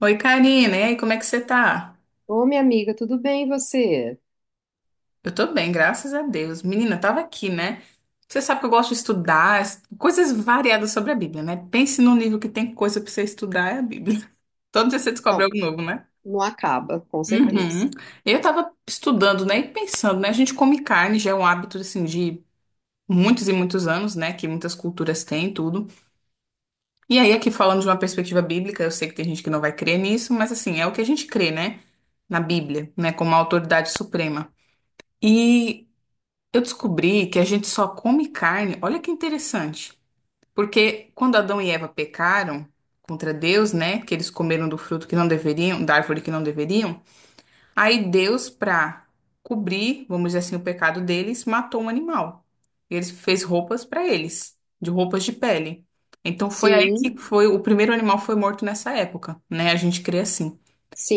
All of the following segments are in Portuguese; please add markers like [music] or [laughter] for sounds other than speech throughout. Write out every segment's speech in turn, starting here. Oi, Karina, e aí, como é que você tá? Ô, minha amiga, tudo bem e você? Eu tô bem, graças a Deus. Menina, eu tava aqui, né? Você sabe que eu gosto de estudar coisas variadas sobre a Bíblia, né? Pense num livro que tem coisa pra você estudar, é a Bíblia. [laughs] Todo dia você descobre Não, algo novo, né? não acaba, com certeza. Uhum. Eu tava estudando, né, e pensando, né? A gente come carne, já é um hábito, assim, de muitos e muitos anos, né? Que muitas culturas têm, e tudo. E aí, aqui falando de uma perspectiva bíblica, eu sei que tem gente que não vai crer nisso, mas assim, é o que a gente crê, né? Na Bíblia, né? Como a autoridade suprema. E eu descobri que a gente só come carne. Olha que interessante. Porque quando Adão e Eva pecaram contra Deus, né? Que eles comeram do fruto que não deveriam, da árvore que não deveriam. Aí Deus, pra cobrir, vamos dizer assim, o pecado deles, matou um animal. E eles fez roupas pra eles, de roupas de pele. Então foi aí Sim, que foi o primeiro animal foi morto nessa época, né? A gente crê assim.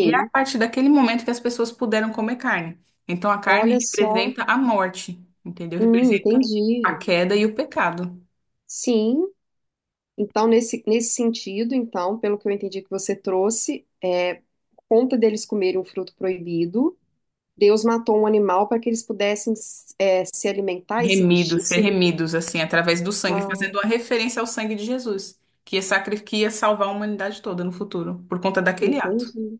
E é a partir daquele momento que as pessoas puderam comer carne. Então a carne Olha só. representa a morte, entendeu? Representa a Entendi. queda e o pecado. Sim. Então, nesse sentido, então, pelo que eu entendi que você trouxe, por conta deles comerem um fruto proibido, Deus matou um animal para que eles pudessem, se alimentar e se vestir? Remidos, ser remidos, assim, através do sangue, Ah, fazendo uma referência ao sangue de Jesus, que ia, que ia salvar a humanidade toda no futuro, por conta daquele ato. entendi.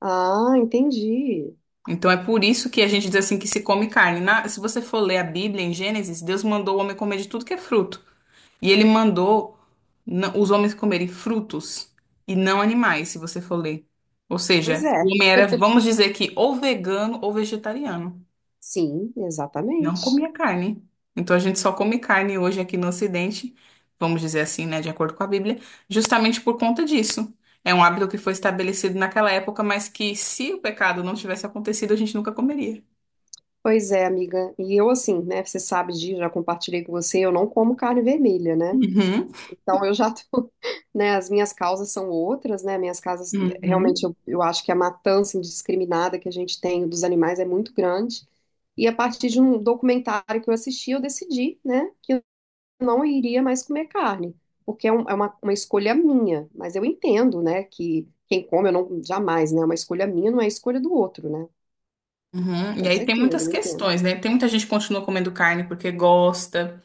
Ah, entendi. Então é por isso que a gente diz assim que se come carne. Se você for ler a Bíblia em Gênesis, Deus mandou o homem comer de tudo que é fruto. E ele mandou os homens comerem frutos e não animais, se você for ler. Ou Pois seja, o é. homem era, vamos dizer que ou vegano ou vegetariano. Sim, Não exatamente. comia carne. Então a gente só come carne hoje aqui no Ocidente, vamos dizer assim, né, de acordo com a Bíblia, justamente por conta disso. É um hábito que foi estabelecido naquela época, mas que se o pecado não tivesse acontecido, a gente nunca comeria. Pois é, amiga. E eu, assim, né? Você sabe disso, já compartilhei com você, eu não como carne vermelha, né? Uhum, Então eu já tô, [laughs] né? As minhas causas são outras, né? Minhas causas, realmente, uhum, eu acho que a matança indiscriminada que a gente tem dos animais é muito grande. E a partir de um documentário que eu assisti, eu decidi, né? Que eu não iria mais comer carne, porque é uma escolha minha. Mas eu entendo, né? Que quem come, eu não, jamais, né? É uma escolha minha, não é escolha do outro, né? uhum. E Com aí tem certeza, muitas eu entendo. questões, né? Tem muita gente que continua comendo carne porque gosta.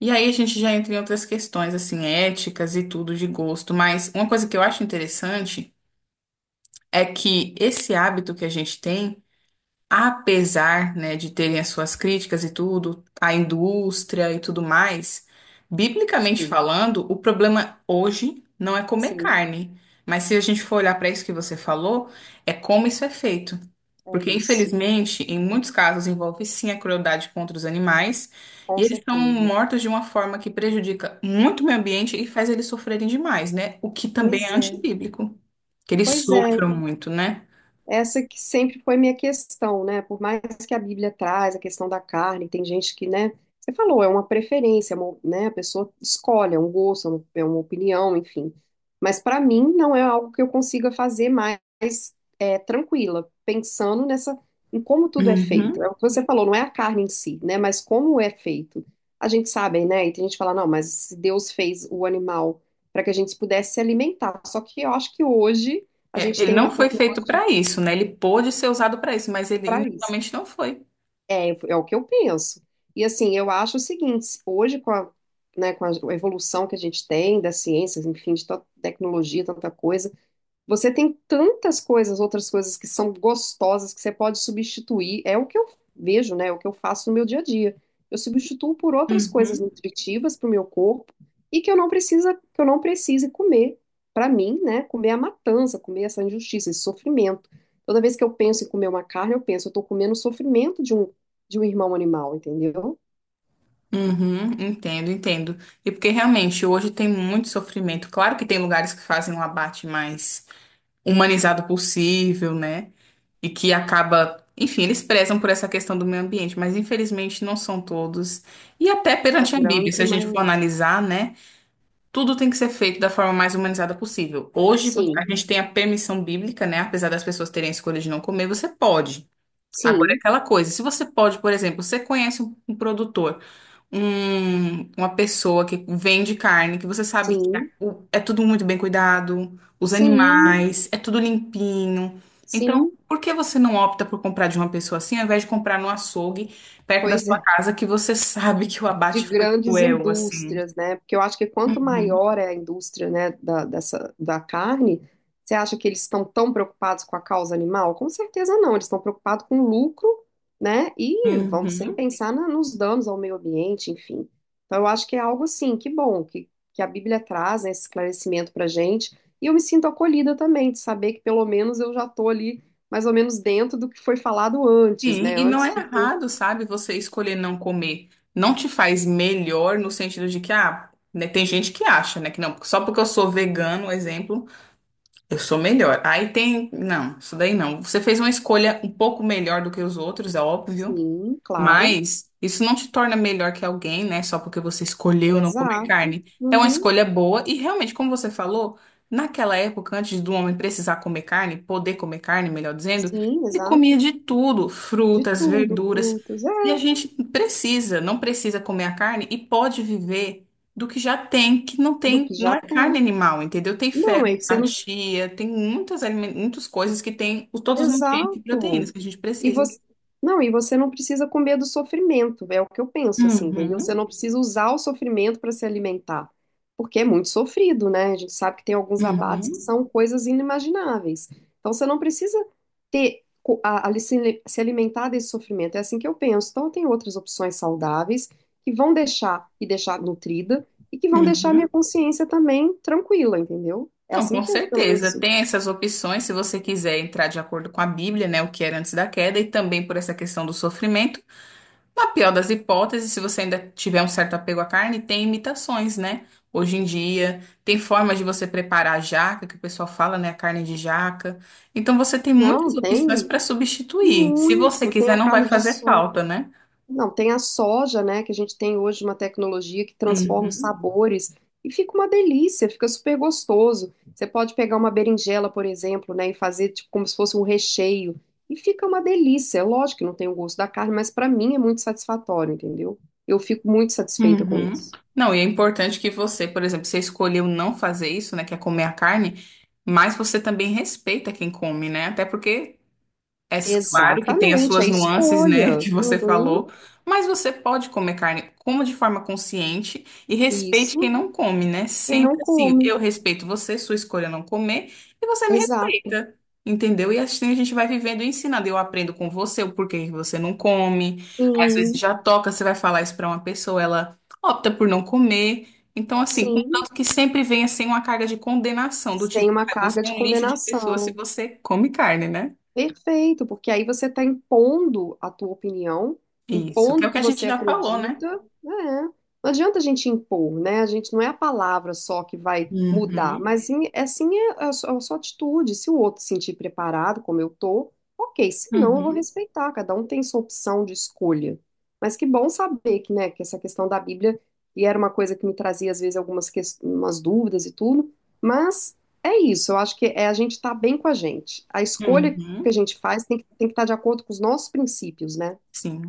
E aí a gente já entra em outras questões, assim, éticas e tudo de gosto, mas uma coisa que eu acho interessante é que esse hábito que a gente tem apesar, né, de terem as suas críticas e tudo, à indústria e tudo mais, biblicamente Sim, falando, o problema hoje não é comer sim. carne, mas se a gente for olhar para isso que você falou, é como isso é feito. É Porque, isso, infelizmente, em muitos casos envolve sim a crueldade contra os animais, e com eles são certeza. mortos de uma forma que prejudica muito o meio ambiente e faz eles sofrerem demais, né? O que também Pois é é, antibíblico, que eles pois sofram é. muito, né? Essa que sempre foi minha questão, né? Por mais que a Bíblia traz a questão da carne, tem gente que, né? Você falou, é uma preferência, né? A pessoa escolhe, é um gosto, é uma opinião, enfim. Mas para mim não é algo que eu consiga fazer mais tranquila, pensando nessa, em como tudo é feito. É Uhum. o que você falou, não é a carne em si, né? Mas como é feito. A gente sabe, né? E tem gente que fala, não, mas se Deus fez o animal para que a gente pudesse se alimentar. Só que eu acho que hoje a É, gente ele tem não uma foi feito tecnologia para isso, né? Ele pôde ser usado para isso, mas ele para isso. inicialmente não foi. É o que eu penso. E assim, eu acho o seguinte, hoje com né, com a evolução que a gente tem da ciência, enfim, de tanta tecnologia, tanta coisa, você tem tantas coisas, outras coisas que são gostosas que você pode substituir. É o que eu vejo, né? É o que eu faço no meu dia a dia. Eu substituo por outras coisas Uhum. nutritivas para o meu corpo e que eu não precisa, que eu não precise comer. Para mim, né? Comer a matança, comer essa injustiça, esse sofrimento. Toda vez que eu penso em comer uma carne, eu penso, eu estou comendo o sofrimento de um irmão animal, entendeu? Uhum, entendo, entendo. E porque realmente hoje tem muito sofrimento. Claro que tem lugares que fazem um abate mais humanizado possível, né? E que acaba, enfim, eles prezam por essa questão do meio ambiente, mas infelizmente não são todos. E até A perante a Bíblia, se grande a gente for maioria. analisar, né? Tudo tem que ser feito da forma mais humanizada possível. Hoje, a Sim, gente tem a permissão bíblica, né? Apesar das pessoas terem a escolha de não comer, você pode. Agora, é sim, aquela coisa, se você pode, por exemplo, você conhece um produtor, uma pessoa que vende carne, que você sabe que sim, é tudo muito bem cuidado, os sim, animais, é tudo limpinho. Então, sim. por que você não opta por comprar de uma pessoa assim, ao invés de comprar no açougue, perto da Pois sua é. casa, que você sabe que o De abate foi grandes cruel, assim? indústrias, né? Porque eu acho que quanto Uhum. maior é a indústria, né, dessa, da carne, você acha que eles estão tão preocupados com a causa animal? Com certeza não, eles estão preocupados com o lucro, né? E vão sem Uhum. pensar nos danos ao meio ambiente, enfim. Então eu acho que é algo assim, que bom que a Bíblia traz, né, esse esclarecimento pra gente. E eu me sinto acolhida também de saber que pelo menos eu já tô ali mais ou menos dentro do que foi falado antes, Sim, né? e não Antes é de ter... errado, sabe, você escolher não comer. Não te faz melhor no sentido de que, ah, né, tem gente que acha, né, que não, só porque eu sou vegano, exemplo, eu sou melhor. Aí tem, não, isso daí não. Você fez uma escolha um pouco melhor do que os outros, é óbvio, Sim, claro. mas isso não te torna melhor que alguém, né? Só porque você escolheu não comer Exato. carne. É uma Uhum. escolha boa e realmente, como você falou, naquela época, antes do homem precisar comer carne, poder comer carne, melhor dizendo, Sim, ele comia exato. de tudo, De frutas, tudo, verduras. frutos, é, E a gente precisa, não precisa comer a carne e pode viver do que já tem, que não do tem, que não já é carne tem. animal, entendeu? Tem Não, ferro, é que você não. chia, tem muitas, muitas coisas que tem todos os nutrientes e Exato. proteínas que a gente E precisa. você, não, e você não precisa comer do sofrimento, é o que eu penso, assim, entendeu? Você Uhum. não precisa usar o sofrimento para se alimentar, porque é muito sofrido, né? A gente sabe que tem alguns abates que Uhum, são coisas inimagináveis. Então você não precisa ter se alimentar desse sofrimento. É assim que eu penso. Então tem outras opções saudáveis que vão deixar e deixar nutrida e que vão deixar uhum. minha consciência também tranquila, entendeu? É Não, assim com que eu, pelo certeza. menos, Tem essas opções, se você quiser entrar de acordo com a Bíblia, né, o que era antes da queda, e também por essa questão do sofrimento. Na pior das hipóteses, se você ainda tiver um certo apego à carne, tem imitações, né? Hoje em dia, tem formas de você preparar a jaca, que o pessoal fala, né, a carne de jaca. Então, você tem muitas não, opções tem para substituir. Se você muito, tem quiser, a não vai carne de fazer sol. falta, né? Não, tem a soja, né, que a gente tem hoje uma tecnologia que transforma os sabores e fica uma delícia, fica super gostoso. Você pode pegar uma berinjela, por exemplo, né, e fazer tipo como se fosse um recheio e fica uma delícia. É lógico que não tem o gosto da carne, mas para mim é muito satisfatório, entendeu? Eu fico muito satisfeita com Uhum. isso. Não, e é importante que você, por exemplo, você escolheu não fazer isso, né, que é comer a carne, mas você também respeita quem come, né? Até porque é claro que tem as Exatamente, é suas nuances, né, escolha. que você Uhum, falou, mas você pode comer carne, coma de forma consciente e respeite quem isso. não come, né? Quem Sempre não assim, come. eu respeito você, sua escolha não comer, e você me Exato. respeita, entendeu? E assim a gente vai vivendo e ensinando. Eu aprendo com você o porquê que você não come. Aí, às vezes Sim, já toca, você vai falar isso para uma pessoa, ela opta por não comer. Então, assim, sim. contanto que sempre venha sem uma carga de condenação, do Sem tipo, uma ah, você carga é de um lixo de pessoa se condenação. você come carne, né? Perfeito, porque aí você está impondo a tua opinião, Isso, que impondo é o o que que a gente você já falou, né? acredita, né? Não adianta a gente impor, né? A gente não é a palavra só que vai mudar, Uhum, mas sim, é sim a sua atitude. Se o outro se sentir preparado, como eu tô, ok. Se não, eu vou uhum, respeitar. Cada um tem sua opção de escolha. Mas que bom saber que, né, que essa questão da Bíblia, e era uma coisa que me trazia às vezes algumas umas dúvidas e tudo, mas é isso, eu acho que é a gente estar bem com a gente. A escolha que a uhum. gente faz tem tem que estar de acordo com os nossos princípios, né? Sim,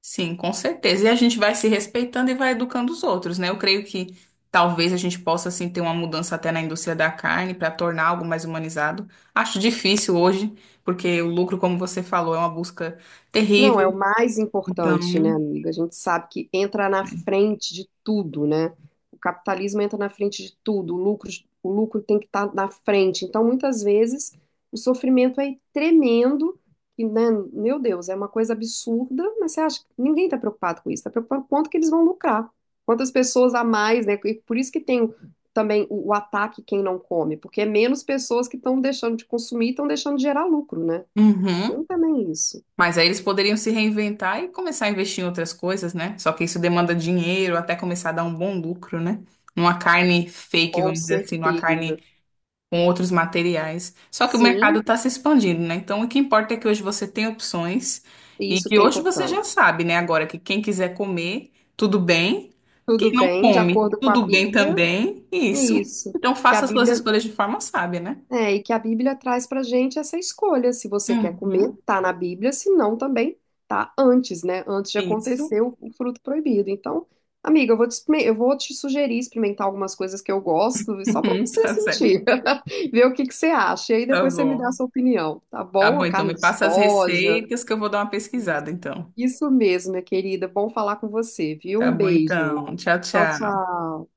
sim, com certeza. E a gente vai se respeitando e vai educando os outros, né? Eu creio que talvez a gente possa, assim, ter uma mudança até na indústria da carne para tornar algo mais humanizado. Acho difícil hoje, porque o lucro, como você falou, é uma busca Não, é terrível. o mais importante, né, Então, amiga? A gente sabe que entra na frente de tudo, né? O capitalismo entra na frente de tudo, o lucro tem que estar na frente. Então, muitas vezes, o sofrimento é tremendo, e, né, meu Deus, é uma coisa absurda, mas você acha que ninguém está preocupado com isso, está preocupado com quanto que eles vão lucrar, quantas pessoas a mais, né? E por isso que tem também o ataque quem não come, porque é menos pessoas que estão deixando de consumir e estão deixando de gerar lucro, né? Tem uhum. também isso. Mas aí eles poderiam se reinventar e começar a investir em outras coisas, né? Só que isso demanda dinheiro até começar a dar um bom lucro, né? Numa carne fake, Com vamos dizer assim, numa carne certeza. com outros materiais. Só que o mercado Sim, está se expandindo, né? Então o que importa é que hoje você tem opções e isso que que é hoje você já importante. sabe, né? Agora que quem quiser comer, tudo bem. Quem Tudo não bem, de come, acordo com a tudo bem Bíblia, também. Isso. isso. Então Que a faça as suas Bíblia, escolhas de forma sábia, né? é, e que a Bíblia traz pra gente essa escolha. Se você quer comer, Uhum. tá na Bíblia, se não, também tá antes, né? Antes de Isso. acontecer o fruto proibido. Então, amiga, eu vou te, eu vou te sugerir experimentar algumas coisas que eu gosto, só pra [laughs] você Tá certo. sentir, [laughs] ver o que que você acha. E aí Tá depois você me dá bom. a sua opinião, tá Tá bom? bom, A então carne me de passa as soja. receitas que eu vou dar uma pesquisada, então. Isso mesmo, minha querida. Bom falar com você, viu? Tá Um bom, beijo. então. Tchau, Tchau, tchau. tchau.